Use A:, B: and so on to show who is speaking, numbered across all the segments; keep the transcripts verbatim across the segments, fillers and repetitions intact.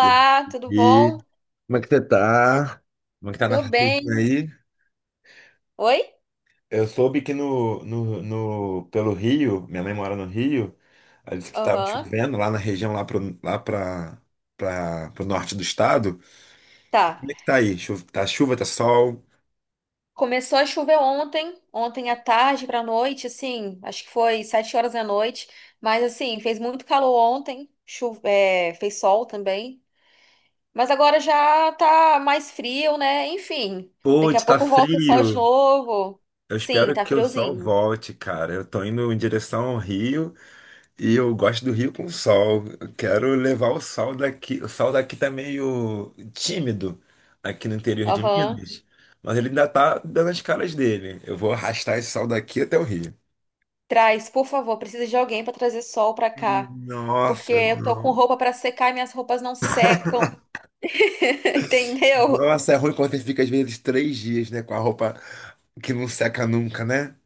A: E
B: tudo
A: aí,
B: bom?
A: como é que você tá? Como é que tá
B: Tô
A: nessa chuvinha
B: bem.
A: aí?
B: Oi?
A: Eu soube que no, no, no- pelo Rio, minha mãe mora no Rio, ela disse que estava
B: Aham.
A: chovendo lá na região, lá pro, lá pra, pra, pro norte do estado.
B: Tá.
A: Como é que tá aí? Chu- Tá chuva, tá sol?
B: Começou a chover ontem, ontem à tarde pra noite, assim, acho que foi sete horas da noite, mas assim, fez muito calor ontem, chu é, fez sol também, mas agora já tá mais frio, né? Enfim, daqui a
A: Putz, tá
B: pouco volta o sol de
A: frio.
B: novo.
A: Eu
B: Sim,
A: espero
B: tá
A: que o sol
B: friozinho.
A: volte, cara. Eu tô indo em direção ao Rio. E eu gosto do Rio com sol. Eu quero levar o sol daqui. O sol daqui tá meio tímido aqui no interior de
B: Aham.
A: Minas, mas ele ainda tá dando as caras dele. Eu vou arrastar esse sol daqui até o Rio.
B: Traz, por favor, precisa de alguém pra trazer sol pra cá, porque
A: Nossa,
B: eu tô com
A: não.
B: roupa pra secar e minhas roupas não secam. Entendeu?
A: Nossa, é ruim quando você fica às vezes três dias, né, com a roupa que não seca nunca, né?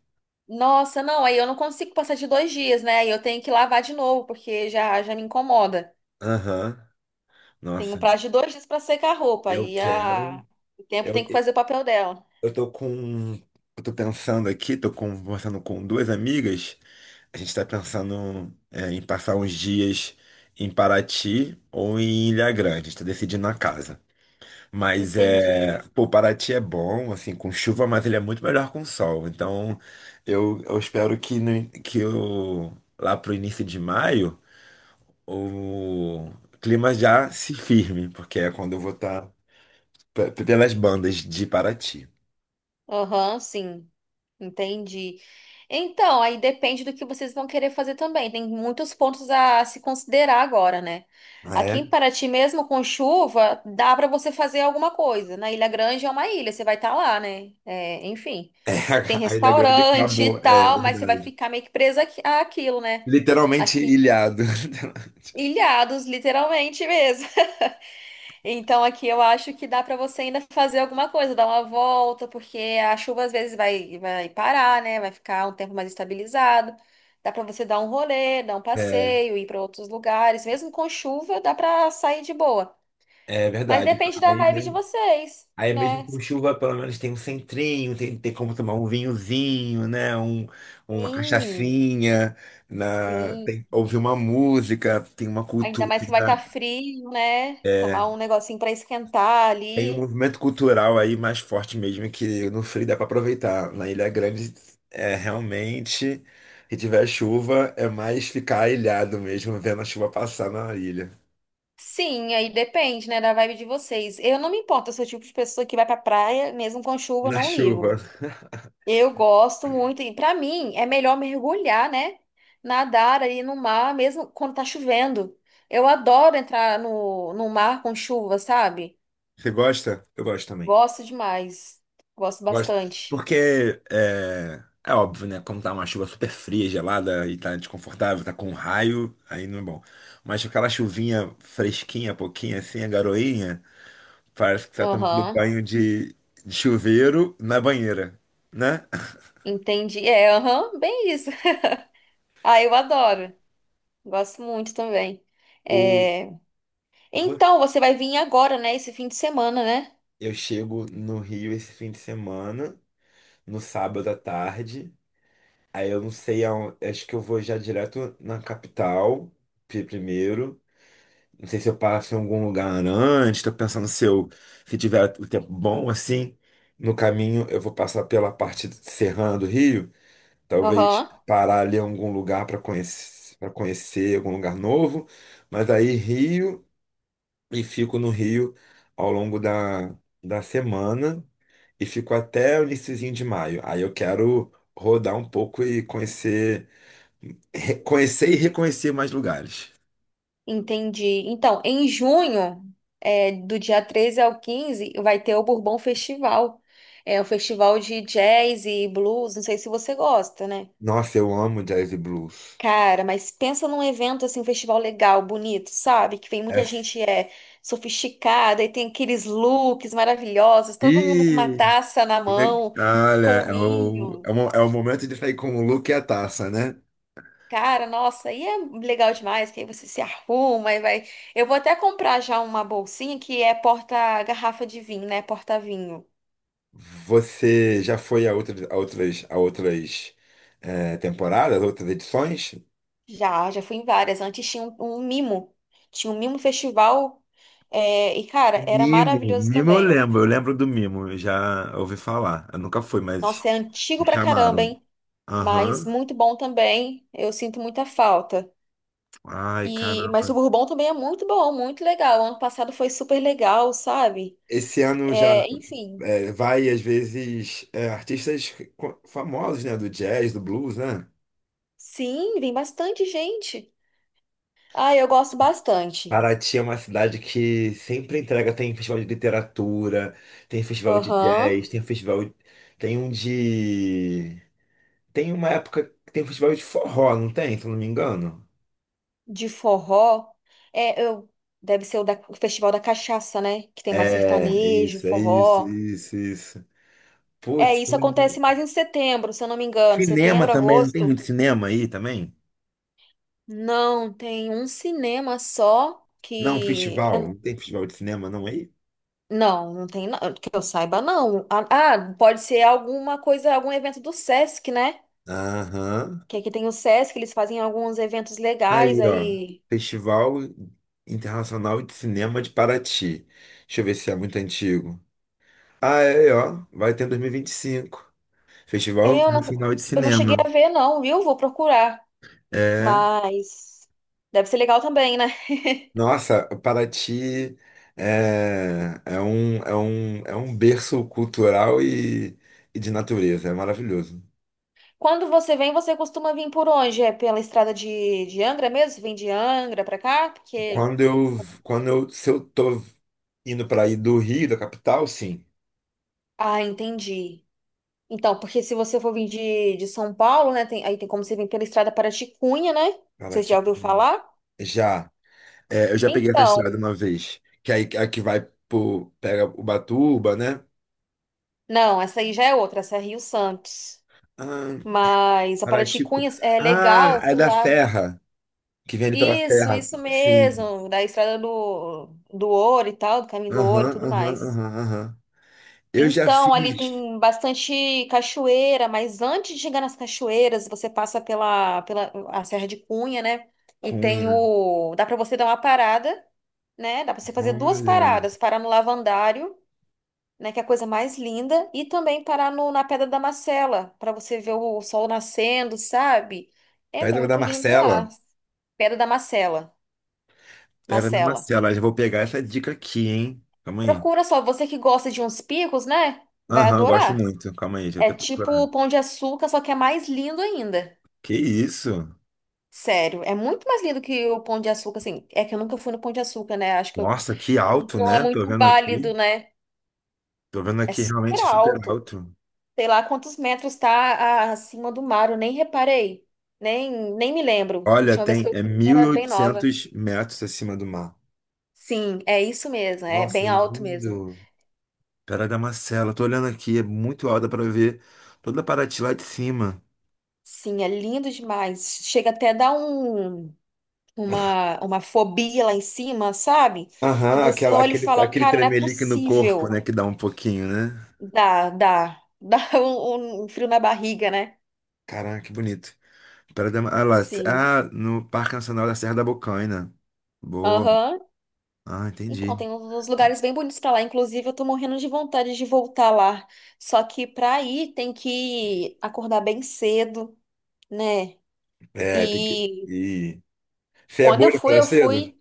B: Nossa, não, aí eu não consigo passar de dois dias, né? Aí eu tenho que lavar de novo, porque já, já me incomoda.
A: Aham.
B: Tem um
A: Nossa,
B: prazo de dois dias para secar a roupa,
A: eu
B: e
A: quero.
B: a... o tempo tem
A: Eu,
B: que fazer o papel dela.
A: eu tô com. Eu tô pensando aqui, tô conversando com duas amigas. A gente está pensando é, em passar uns dias em Paraty ou em Ilha Grande. A gente tá decidindo na casa. Mas
B: Entendi.
A: é. Pô, Paraty é bom, assim, com chuva, mas ele é muito melhor com sol. Então eu, eu espero que, no- que eu, lá pro início de maio o clima já se firme, porque é quando eu vou estar pelas bandas de Paraty.
B: Aham, sim, entendi. Então, aí depende do que vocês vão querer fazer também. Tem muitos pontos a se considerar agora, né?
A: É,
B: Aqui em Paraty, mesmo com chuva, dá para você fazer alguma coisa. Na Ilha Grande é uma ilha, você vai estar lá, né? É, enfim.
A: é,
B: Tem
A: a Ilha Grande
B: restaurante
A: acabou,
B: e
A: é
B: tal, mas você vai
A: verdade.
B: ficar meio que presa aqui- àquilo, né?
A: Literalmente
B: Aqui,
A: ilhado.
B: ilhados, literalmente mesmo. Então aqui eu acho que dá pra você ainda fazer alguma coisa, dar uma volta, porque a chuva às vezes vai, vai parar, né? Vai ficar um tempo mais estabilizado. Dá pra você dar um rolê, dar um
A: É.
B: passeio, ir pra outros lugares. Mesmo com chuva, dá pra sair de boa.
A: É
B: Mas
A: verdade.
B: depende da
A: Aí,
B: vibe de
A: me-
B: vocês,
A: aí mesmo
B: né?
A: com chuva, pelo menos tem um centrinho, tem, tem como tomar um vinhozinho, né? Um, uma
B: Sim,
A: cachaçinha, na,
B: sim.
A: tem- ouvir uma música, tem uma
B: Ainda
A: cultura.
B: mais que vai
A: Né?
B: estar frio, né?
A: É,
B: Tomar um negocinho pra esquentar
A: tem um
B: ali.
A: movimento cultural aí mais forte mesmo, que no frio dá para aproveitar. Na Ilha Grande, é realmente, se tiver chuva, é mais ficar ilhado mesmo, vendo a chuva passar na ilha.
B: Sim, aí depende, né, da vibe de vocês. Eu não me importo, eu sou o tipo de pessoa que vai pra praia, mesmo com chuva, eu
A: Na
B: não ligo.
A: chuva.
B: Eu gosto muito, e pra mim é melhor mergulhar, né? Nadar ali no mar, mesmo quando tá chovendo. Eu adoro entrar no, no mar com chuva, sabe?
A: Você gosta? Eu gosto também.
B: Gosto demais. Gosto
A: Gosto.
B: bastante.
A: Porque é, é óbvio, né? Como tá uma chuva super fria, gelada e tá desconfortável, tá com raio, aí não é bom. Mas aquela chuvinha fresquinha, pouquinha assim, a garoinha, parece que tá tomando
B: Aham,
A: banho de, de chuveiro na banheira, né?
B: entendi. É, aham, bem isso. Ah, eu adoro. Gosto muito também.
A: O,
B: É, então,
A: vo-
B: você vai vir agora, né? Esse fim de semana, né?
A: eu chego no Rio esse fim de semana, no sábado à tarde. Aí eu não sei aonde. Acho que eu vou já direto na capital pri- primeiro. Não sei se eu passo em algum lugar antes, tô pensando se eu, se tiver o tempo bom, assim, no caminho eu vou passar pela parte serrana do Rio, talvez
B: Aham,
A: parar ali em algum lugar para conhecer, para conhecer algum lugar novo, mas aí Rio e fico no Rio ao longo da, da semana e fico até o iniciozinho de maio. Aí eu quero rodar um pouco e conhecer, reconhecer e reconhecer mais lugares.
B: entendi. Então, em junho, é, do dia treze ao quinze, vai ter o Bourbon Festival. É um festival de jazz e blues, não sei se você gosta, né?
A: Nossa, eu amo jazz e blues.
B: Cara, mas pensa num evento assim, um festival legal, bonito, sabe? Que vem
A: É
B: muita gente é sofisticada e tem aqueles looks maravilhosos, todo mundo com uma
A: E
B: taça na mão,
A: olha,
B: com
A: é o, é
B: vinho.
A: o, é o momento de sair com o look e a taça, né?
B: Cara, nossa, aí é legal demais, que aí você se arruma e vai. Eu vou até comprar já uma bolsinha que é porta-garrafa de vinho, né? Porta-vinho.
A: Você já foi a outras, a outras, a outras eh, temporadas, outras edições?
B: Já, já fui em várias. Antes tinha um, um mimo. Tinha um mimo festival. é, e,
A: O
B: cara, era
A: Mimo, o
B: maravilhoso
A: Mimo eu
B: também.
A: lembro, eu lembro do Mimo, eu já ouvi falar. Eu nunca fui, mas
B: Nossa, é antigo
A: me
B: pra caramba,
A: chamaram.
B: hein? Mas
A: Aham.
B: muito bom também. Eu sinto muita falta.
A: Ai,
B: E, mas o
A: caramba.
B: Bourbon também é muito bom, muito legal. Ano passado foi super legal, sabe?
A: Esse ano já
B: É, enfim.
A: eh, vai, às vezes, eh, artistas co- famosos, né? Do jazz, do blues, né?
B: Sim, vem bastante gente. Ah, eu gosto bastante.
A: Paraty é uma cidade que sempre entrega, tem festival de literatura, tem festival de
B: Aham.
A: jazz, tem festival, tem um de, tem uma época que tem festival de forró, não tem, se eu não me engano?
B: De forró. É, eu deve ser o, da- o Festival da Cachaça, né? Que tem mais
A: É, é
B: sertanejo,
A: isso, é isso,
B: forró.
A: isso, isso.
B: É,
A: Putz,
B: isso acontece
A: tem
B: mais em setembro, se eu não me engano.
A: cinema
B: Setembro,
A: também, não tem
B: agosto.
A: muito cinema aí também?
B: Não, tem um cinema só
A: Não,
B: que
A: festival,
B: é-
A: não tem festival de cinema não aí?
B: não, não tem, não, que eu saiba não. Ah, ah, pode ser alguma coisa, algum evento do Sesc, né?
A: Aham.
B: Que aqui tem o Sesc, eles fazem alguns eventos legais
A: Aí, ó,
B: aí.
A: Festival Internacional de Cinema de Paraty. Deixa eu ver se é muito antigo. Ah, é, é, ó. Vai ter em dois mil e e vinte e cinco. Festival
B: É, eu não,
A: Nacional de
B: eu não cheguei
A: Cinema.
B: a ver, não, viu? Vou procurar.
A: É.
B: Mas deve ser legal também, né?
A: Nossa, Paraty é, é um, é um, é um berço cultural e, e de natureza. É maravilhoso.
B: Quando você vem, você costuma vir por onde? É pela estrada de, de Angra mesmo? Você vem de Angra pra cá? Porque.
A: Quando eu, quando eu, Se eu tô indo para aí do Rio, da capital, sim.
B: Ah, entendi. Então, porque se você for vir de, de São Paulo, né? Tem- aí tem como você vir pela estrada Paraticunha, né? Você
A: Paraty.
B: já ouviu falar?
A: Já. É, eu já peguei essa estrada
B: Então,
A: uma vez. Que aí a que vai pro, pega Ubatuba, né?
B: não, essa aí já é outra, essa é Rio Santos.
A: Ah,
B: Mas a
A: Paraty. cu-
B: Paraticunha é
A: Ah,
B: legal
A: é
B: que
A: da
B: lá.
A: Serra. Que vende pela
B: Isso,
A: terra.
B: isso
A: Sim.
B: mesmo, da estrada do, do ouro e tal, do caminho do ouro e
A: Aham,
B: tudo
A: aham,
B: mais.
A: aham, aham. Eu já
B: Então, ali
A: fiz
B: tem bastante cachoeira, mas antes de chegar nas cachoeiras, você passa pela, pela a Serra de Cunha, né? E tem
A: cunha.
B: o. Dá para você dar uma parada, né? Dá para você fazer duas
A: Olha.
B: paradas: parar no Lavandário, né? Que é a coisa mais linda, e também parar no, na Pedra da Macela, para você ver o sol nascendo, sabe? É
A: Pedra da
B: muito lindo
A: Marcela.
B: lá. Pedra da Macela.
A: Pedra da
B: Macela.
A: Marcela. Já vou pegar essa dica aqui, hein? Calma aí.
B: Procura só, você que gosta de uns picos, né? Vai
A: Aham, gosto
B: adorar.
A: muito. Calma aí, deixa eu
B: É
A: até
B: tipo o
A: procurar.
B: Pão de Açúcar, só que é mais lindo ainda.
A: Que isso?
B: Sério, é muito mais lindo que o Pão de Açúcar, assim. É que eu nunca fui no Pão de Açúcar, né? Acho que eu...
A: Nossa, que
B: Não,
A: alto,
B: não é
A: né? Tô
B: muito
A: vendo aqui.
B: válido, né?
A: Tô vendo
B: É
A: aqui
B: super
A: realmente super
B: alto.
A: alto.
B: Sei lá quantos metros tá a- acima do mar, eu nem reparei. Nem, nem me lembro. A
A: Olha,
B: última vez
A: tem
B: que eu
A: é
B: fui eu
A: mil e
B: era bem nova.
A: oitocentos metros acima do mar.
B: Sim, é isso mesmo, é
A: Nossa,
B: bem
A: é
B: alto mesmo.
A: lindo. Pedra da Marcela. Tô olhando aqui, é muito alta para ver toda a Paraty lá de cima.
B: Sim, é lindo demais. Chega até a dar um. uma, uma fobia lá em cima, sabe? Que
A: Aham,
B: você
A: aquela,
B: olha e
A: aquele,
B: fala,
A: aquele
B: cara, não é
A: tremelique no corpo, né?
B: possível.
A: Que dá um pouquinho, né?
B: Dá, dá, dá um, um frio na barriga, né?
A: Caraca, que bonito. Pera da, ah, lá,
B: Sim.
A: ah, No Parque Nacional da Serra da Bocaina. Boa.
B: Aham.
A: Ah,
B: Então,
A: entendi.
B: tem uns lugares bem bonitos pra lá. Inclusive, eu tô morrendo de vontade de voltar lá. Só que pra ir tem que acordar bem cedo, né?
A: É, tem que.
B: E
A: E... Você é
B: quando
A: boa
B: eu
A: de
B: fui,
A: acordar
B: eu fui
A: cedo?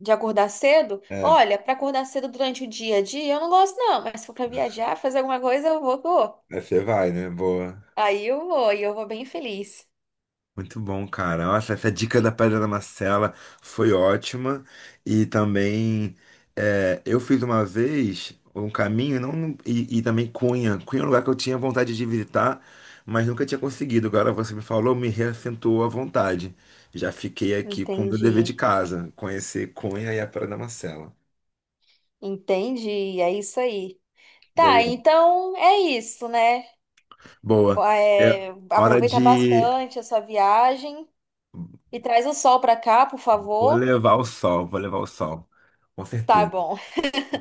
B: de acordar cedo.
A: É.
B: Olha, pra acordar cedo durante o dia a dia, eu não gosto, não. Mas se for pra viajar, fazer alguma coisa, eu vou.
A: Aí você vai, né? Boa.
B: Aí eu vou, e eu vou bem feliz.
A: Muito bom, cara. Nossa, essa dica da Pedra da Marcela foi ótima. E também é, eu fiz uma vez um caminho não, e, e também Cunha. Cunha é um lugar que eu tinha vontade de visitar, mas nunca tinha conseguido. Agora você me falou, me reassentou a vontade. Já fiquei aqui com o meu dever de
B: Entendi,
A: casa, conhecer Cunha e a Pedra da Marcela.
B: entendi, é isso aí. Tá,
A: Boa.
B: então é isso, né?
A: Boa.
B: Ba-
A: É
B: é,
A: hora
B: aproveita
A: de.
B: bastante a sua viagem e traz o sol pra cá, por
A: Vou
B: favor.
A: levar o sol, vou levar o sol. Com
B: Tá
A: certeza.
B: bom.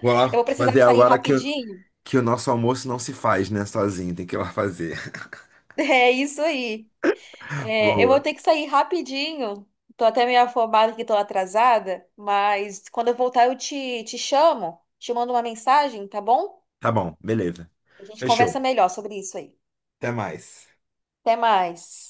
A: Vou
B: Eu
A: lá
B: vou precisar
A: fazer
B: sair
A: agora que
B: rapidinho.
A: que o nosso almoço não se faz, né, sozinho, tem que ir lá fazer.
B: É isso aí. É, eu vou
A: Boa.
B: ter que sair rapidinho. Tô até meio afobada que tô atrasada, mas quando eu voltar eu te, te chamo, te mando uma mensagem, tá bom?
A: Tá bom, beleza.
B: A gente
A: Fechou.
B: conversa melhor sobre isso aí.
A: Até mais.
B: Até mais.